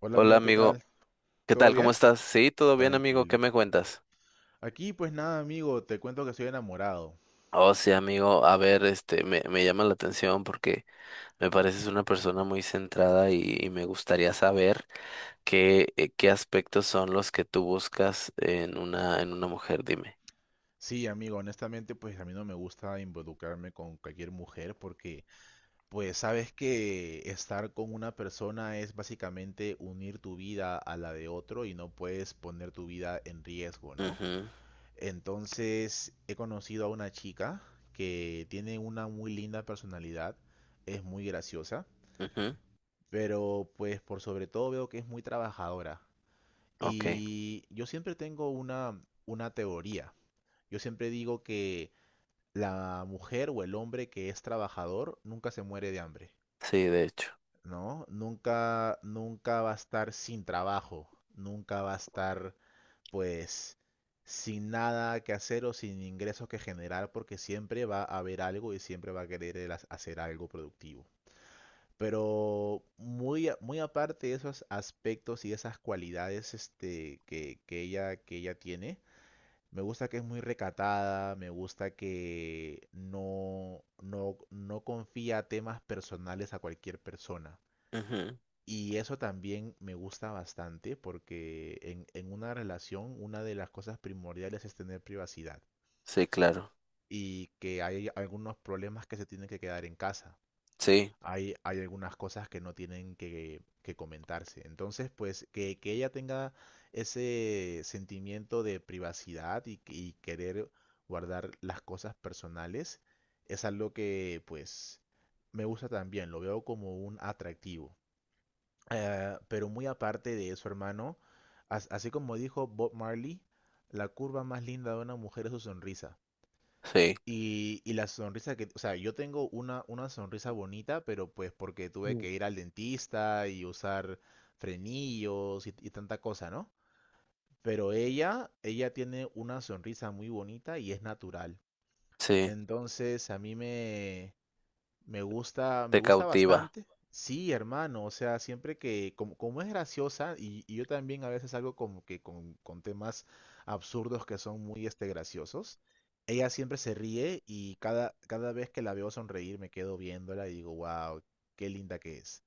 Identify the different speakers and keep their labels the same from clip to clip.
Speaker 1: Hola
Speaker 2: Hola
Speaker 1: amigo, ¿qué
Speaker 2: amigo,
Speaker 1: tal?
Speaker 2: ¿qué
Speaker 1: ¿Todo
Speaker 2: tal? ¿Cómo
Speaker 1: bien?
Speaker 2: estás? Sí, todo bien amigo, ¿qué
Speaker 1: Tranquilo.
Speaker 2: me cuentas?
Speaker 1: Aquí pues nada amigo, te cuento que soy enamorado.
Speaker 2: Oh, sí amigo, a ver, me llama la atención porque me pareces una persona muy centrada y me gustaría saber qué aspectos son los que tú buscas en una mujer, dime.
Speaker 1: Sí amigo, honestamente pues a mí no me gusta involucrarme con cualquier mujer porque pues sabes que estar con una persona es básicamente unir tu vida a la de otro y no puedes poner tu vida en riesgo, ¿no?
Speaker 2: Mhm.
Speaker 1: Entonces he conocido a una chica que tiene una muy linda personalidad, es muy graciosa,
Speaker 2: Mhm.
Speaker 1: pero pues por sobre todo veo que es muy trabajadora.
Speaker 2: Ok.
Speaker 1: Y yo siempre tengo una teoría. Yo siempre digo que la mujer o el hombre que es trabajador nunca se muere de hambre,
Speaker 2: Sí, de hecho.
Speaker 1: ¿no? Nunca, nunca va a estar sin trabajo, nunca va a estar, pues, sin nada que hacer o sin ingresos que generar, porque siempre va a haber algo y siempre va a querer hacer algo productivo. Pero muy, muy aparte de esos aspectos y esas cualidades este, que ella tiene, me gusta que es muy recatada, me gusta que no, no, no confía temas personales a cualquier persona.
Speaker 2: Mhm.
Speaker 1: Y eso también me gusta bastante porque en una relación una de las cosas primordiales es tener privacidad
Speaker 2: Sí, claro.
Speaker 1: y que hay algunos problemas que se tienen que quedar en casa.
Speaker 2: Sí,
Speaker 1: Hay algunas cosas que no tienen que comentarse. Entonces, pues que ella tenga ese sentimiento de privacidad y querer guardar las cosas personales es algo que pues me gusta también, lo veo como un atractivo. Pero muy aparte de eso, hermano, así como dijo Bob Marley, la curva más linda de una mujer es su sonrisa.
Speaker 2: sí.
Speaker 1: Y la sonrisa que, o sea, yo tengo una sonrisa bonita, pero pues porque tuve
Speaker 2: Mm.
Speaker 1: que ir al dentista y usar frenillos y tanta cosa, ¿no? Pero ella tiene una sonrisa muy bonita y es natural.
Speaker 2: Sí,
Speaker 1: Entonces me
Speaker 2: te
Speaker 1: gusta
Speaker 2: cautiva.
Speaker 1: bastante. Sí, hermano, o sea, siempre que, como, como es graciosa, y yo también a veces algo como que con temas absurdos que son muy este graciosos, ella siempre se ríe y cada, cada vez que la veo sonreír me quedo viéndola y digo, wow, qué linda que es.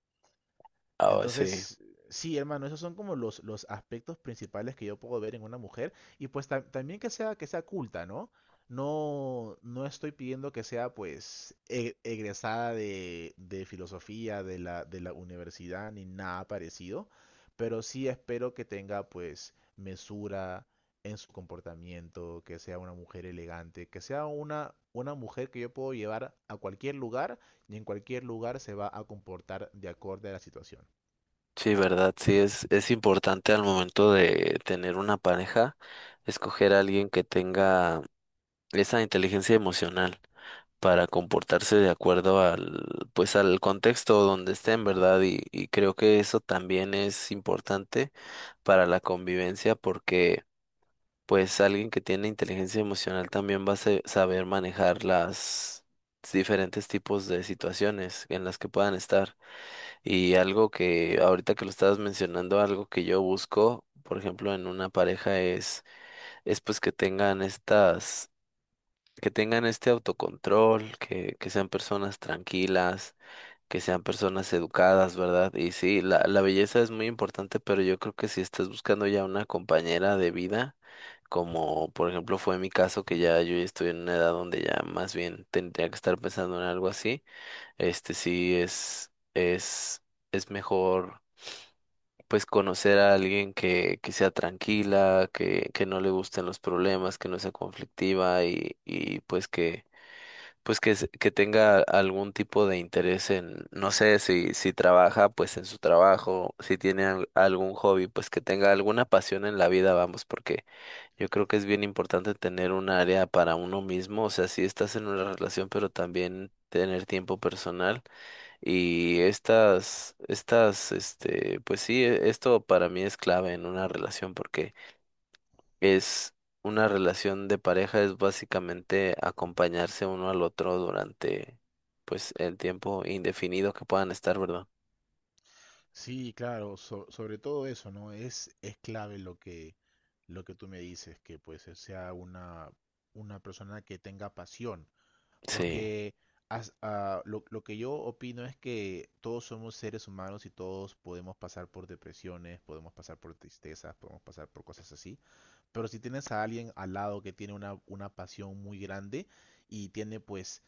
Speaker 2: Ah, sí.
Speaker 1: Entonces, sí, hermano, esos son como los aspectos principales que yo puedo ver en una mujer. Y pues también que sea culta, ¿no? No, no estoy pidiendo que sea pues egresada de filosofía de la universidad ni nada parecido, pero sí espero que tenga pues mesura en su comportamiento, que sea una mujer elegante, que sea una mujer que yo puedo llevar a cualquier lugar y en cualquier lugar se va a comportar de acorde a la situación.
Speaker 2: Sí, verdad, sí, es importante al momento de tener una pareja, escoger a alguien que tenga esa inteligencia emocional para comportarse de acuerdo pues al contexto donde estén, ¿verdad? Y creo que eso también es importante para la convivencia porque, pues, alguien que tiene inteligencia emocional también va a saber manejar las diferentes tipos de situaciones en las que puedan estar. Y algo que ahorita que lo estabas mencionando, algo que yo busco, por ejemplo, en una pareja es, es pues que tengan estas, que tengan este autocontrol, que sean personas tranquilas, que sean personas educadas, ¿verdad? Y sí, la belleza es muy importante, pero yo creo que si estás buscando ya una compañera de vida, como por ejemplo fue mi caso, que ya yo ya estoy en una edad donde ya más bien tendría que estar pensando en algo así, sí es mejor pues conocer a alguien que sea tranquila, que no le gusten los problemas, que no sea conflictiva y pues que tenga algún tipo de interés en, no sé, si trabaja, pues en su trabajo, si tiene algún hobby, pues que tenga alguna pasión en la vida, vamos, porque yo creo que es bien importante tener un área para uno mismo, o sea, si estás en una relación, pero también tener tiempo personal y pues sí, esto para mí es clave en una relación porque es una relación de pareja, es básicamente acompañarse uno al otro durante, pues, el tiempo indefinido que puedan estar, ¿verdad?
Speaker 1: Sí, claro, sobre todo eso, ¿no? Es clave lo que tú me dices, que pues sea una persona que tenga pasión,
Speaker 2: Sí.
Speaker 1: porque lo que yo opino es que todos somos seres humanos y todos podemos pasar por depresiones, podemos pasar por tristezas, podemos pasar por cosas así, pero si tienes a alguien al lado que tiene una pasión muy grande y tiene pues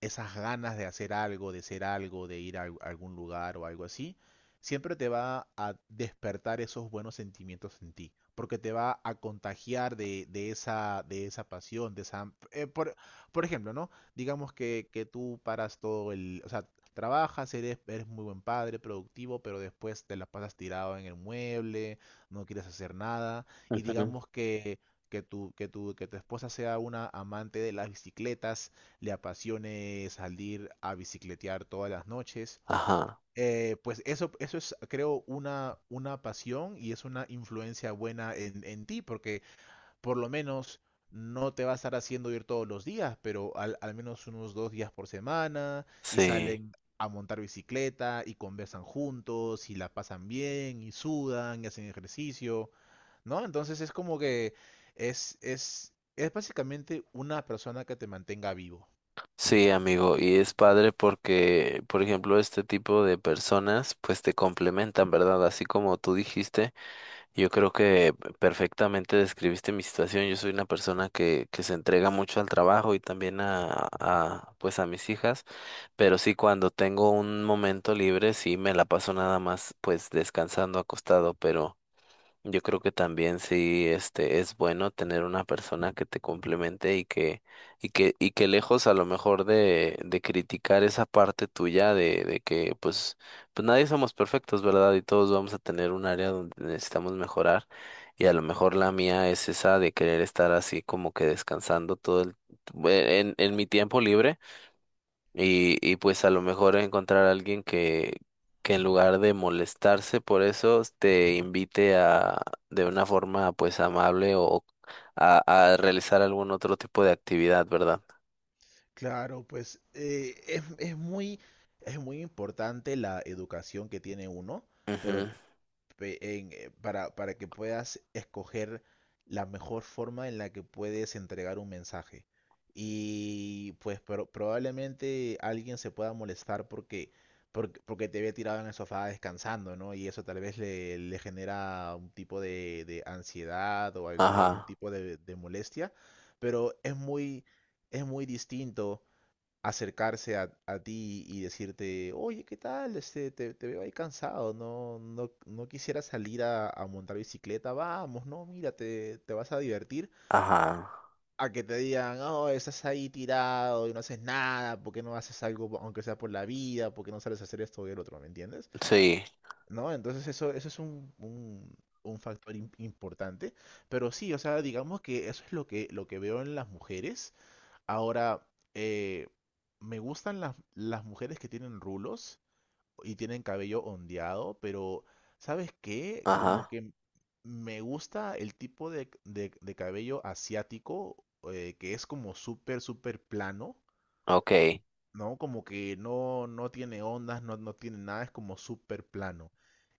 Speaker 1: esas ganas de hacer algo, de ser algo, de ir a algún lugar o algo así, siempre te va a despertar esos buenos sentimientos en ti, porque te va a contagiar de esa pasión, de por ejemplo, ¿no? Digamos que tú paras todo el... O sea, trabajas, eres, eres muy buen padre, productivo, pero después te la pasas tirado en el mueble, no quieres hacer nada, y
Speaker 2: Ujú.
Speaker 1: digamos que... Que tu esposa sea una amante de las bicicletas, le apasione salir a bicicletear todas las noches.
Speaker 2: Ajá.
Speaker 1: Pues eso es, creo, una pasión y es una influencia buena en ti, porque por lo menos no te va a estar haciendo ir todos los días, pero al menos unos dos días por semana y
Speaker 2: Sí.
Speaker 1: salen a montar bicicleta y conversan juntos y la pasan bien y sudan y hacen ejercicio, ¿no? Entonces es como que es básicamente una persona que te mantenga vivo.
Speaker 2: Sí, amigo, y es padre porque, por ejemplo, este tipo de personas, pues te complementan, ¿verdad? Así como tú dijiste. Yo creo que perfectamente describiste mi situación. Yo soy una persona que se entrega mucho al trabajo y también pues a mis hijas, pero sí cuando tengo un momento libre, sí me la paso nada más pues descansando acostado, pero yo creo que también sí, es bueno tener una persona que te complemente y que, y que lejos a lo mejor de criticar esa parte tuya de que pues nadie somos perfectos, ¿verdad? Y todos vamos a tener un área donde necesitamos mejorar. Y a lo mejor la mía es esa de querer estar así como que descansando todo en mi tiempo libre y pues a lo mejor encontrar a alguien que, en lugar de molestarse por eso, te invite de una forma pues amable o a realizar algún otro tipo de actividad, ¿verdad?
Speaker 1: Claro, pues es muy importante la educación que tiene uno, pero
Speaker 2: Ujú.
Speaker 1: para que puedas escoger la mejor forma en la que puedes entregar un mensaje. Y pues probablemente alguien se pueda molestar porque te ve tirado en el sofá descansando, ¿no? Y eso tal vez le, le genera un tipo de ansiedad o, o algún
Speaker 2: Ajá,
Speaker 1: tipo de molestia, pero es muy distinto acercarse a ti y decirte, oye, ¿qué tal? Este, te veo ahí cansado, no, no, no quisiera salir a montar bicicleta, vamos, no, mira, te vas a divertir.
Speaker 2: ajá.
Speaker 1: A que te digan, oh, estás ahí tirado y no haces nada, ¿por qué no haces algo, aunque sea por la vida? ¿Por qué no sales a hacer esto y el otro? ¿Me entiendes?
Speaker 2: Sí.
Speaker 1: ¿No? Entonces eso es un factor importante. Pero sí, o sea, digamos que eso es lo que veo en las mujeres. Ahora, eh, me gustan las mujeres que tienen rulos y tienen cabello ondeado, pero ¿sabes qué? Como
Speaker 2: Ajá.
Speaker 1: que me gusta el tipo de, de cabello asiático, que es como súper, súper plano,
Speaker 2: Ok.
Speaker 1: ¿no? Como que no, no tiene ondas, no, no tiene nada, es como súper plano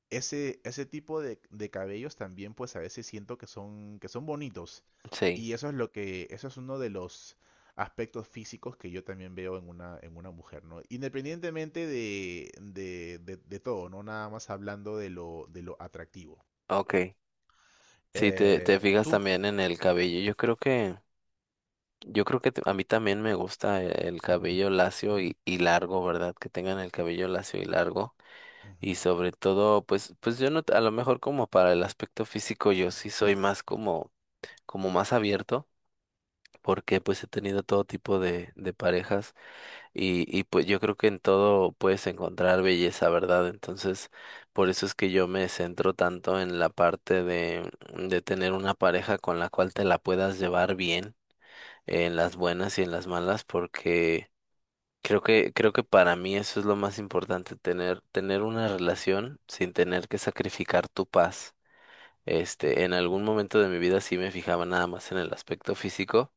Speaker 1: ese, ese tipo de cabellos también pues a veces siento que son bonitos.
Speaker 2: Sí.
Speaker 1: Y eso es lo que, eso es uno de los aspectos físicos que yo también veo en en una mujer, ¿no? Independientemente de todo, ¿no? Nada más hablando de lo atractivo.
Speaker 2: Ok. Sí, te fijas
Speaker 1: ¿Tú?
Speaker 2: también en el cabello. Yo creo que a mí también me gusta el cabello lacio y largo, ¿verdad? Que tengan el cabello lacio y largo. Y
Speaker 1: Ujú.
Speaker 2: sobre todo, pues yo no, a lo mejor como para el aspecto físico, yo sí soy más como más abierto, porque pues he tenido todo tipo de parejas y pues yo creo que en todo puedes encontrar belleza, ¿verdad? Entonces, por eso es que yo me centro tanto en la parte de tener una pareja con la cual te la puedas llevar bien, en las buenas y en las malas, porque creo que para mí eso es lo más importante, tener una relación sin tener que sacrificar tu paz. En algún momento de mi vida sí me fijaba nada más en el aspecto físico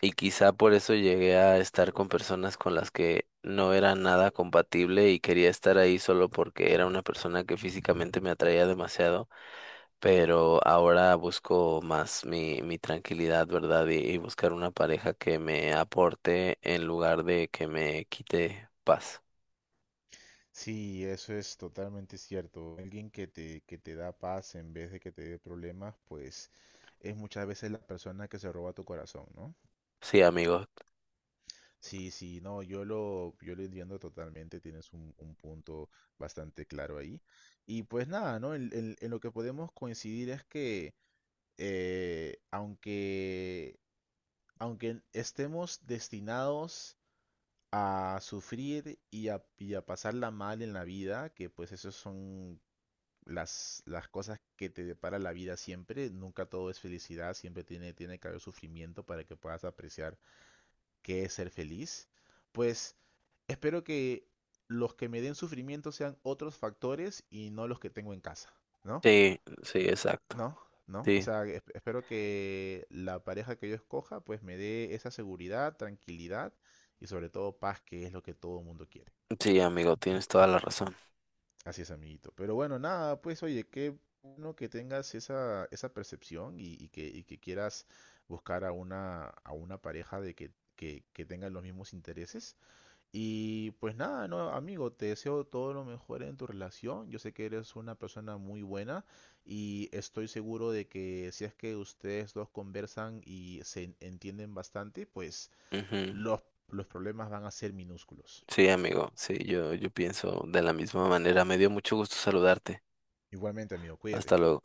Speaker 2: y quizá por eso llegué a estar con personas con las que no era nada compatible y quería estar ahí solo porque era una persona que físicamente me atraía demasiado, pero ahora busco más mi tranquilidad, ¿verdad? Y buscar una pareja que me aporte en lugar de que me quite paz.
Speaker 1: Sí, eso es totalmente cierto. Alguien que te da paz en vez de que te dé problemas, pues es muchas veces la persona que se roba tu corazón, ¿no?
Speaker 2: Sí, amigo.
Speaker 1: Sí, sí, no, yo lo entiendo totalmente, tienes un punto bastante claro ahí. Y pues nada, ¿no? En lo que podemos coincidir es que eh, aunque, aunque estemos destinados a sufrir y a pasarla mal en la vida, que pues esas son las cosas que te depara la vida siempre, nunca todo es felicidad, siempre tiene, tiene que haber sufrimiento para que puedas apreciar qué es ser feliz, pues... Espero que los que me den sufrimiento sean otros factores y no los que tengo en casa, ¿no?
Speaker 2: Sí, sí, exacto.
Speaker 1: ¿No? ¿No? O
Speaker 2: Sí,
Speaker 1: sea, espero que la pareja que yo escoja pues me dé esa seguridad, tranquilidad y sobre todo paz, que es lo que todo el mundo quiere.
Speaker 2: sí, amigo, tienes toda la razón.
Speaker 1: Así es, amiguito. Pero bueno, nada, pues oye, qué bueno que tengas esa percepción y que quieras buscar a a una pareja de que tengan los mismos intereses. Y pues nada, no, amigo, te deseo todo lo mejor en tu relación. Yo sé que eres una persona muy buena y estoy seguro de que si es que ustedes dos conversan y se entienden bastante, pues
Speaker 2: Ujú.
Speaker 1: los, los problemas van a ser minúsculos.
Speaker 2: Sí, amigo, sí, yo pienso de la misma manera. Me dio mucho gusto saludarte.
Speaker 1: Igualmente, amigo, cuídate.
Speaker 2: Hasta luego.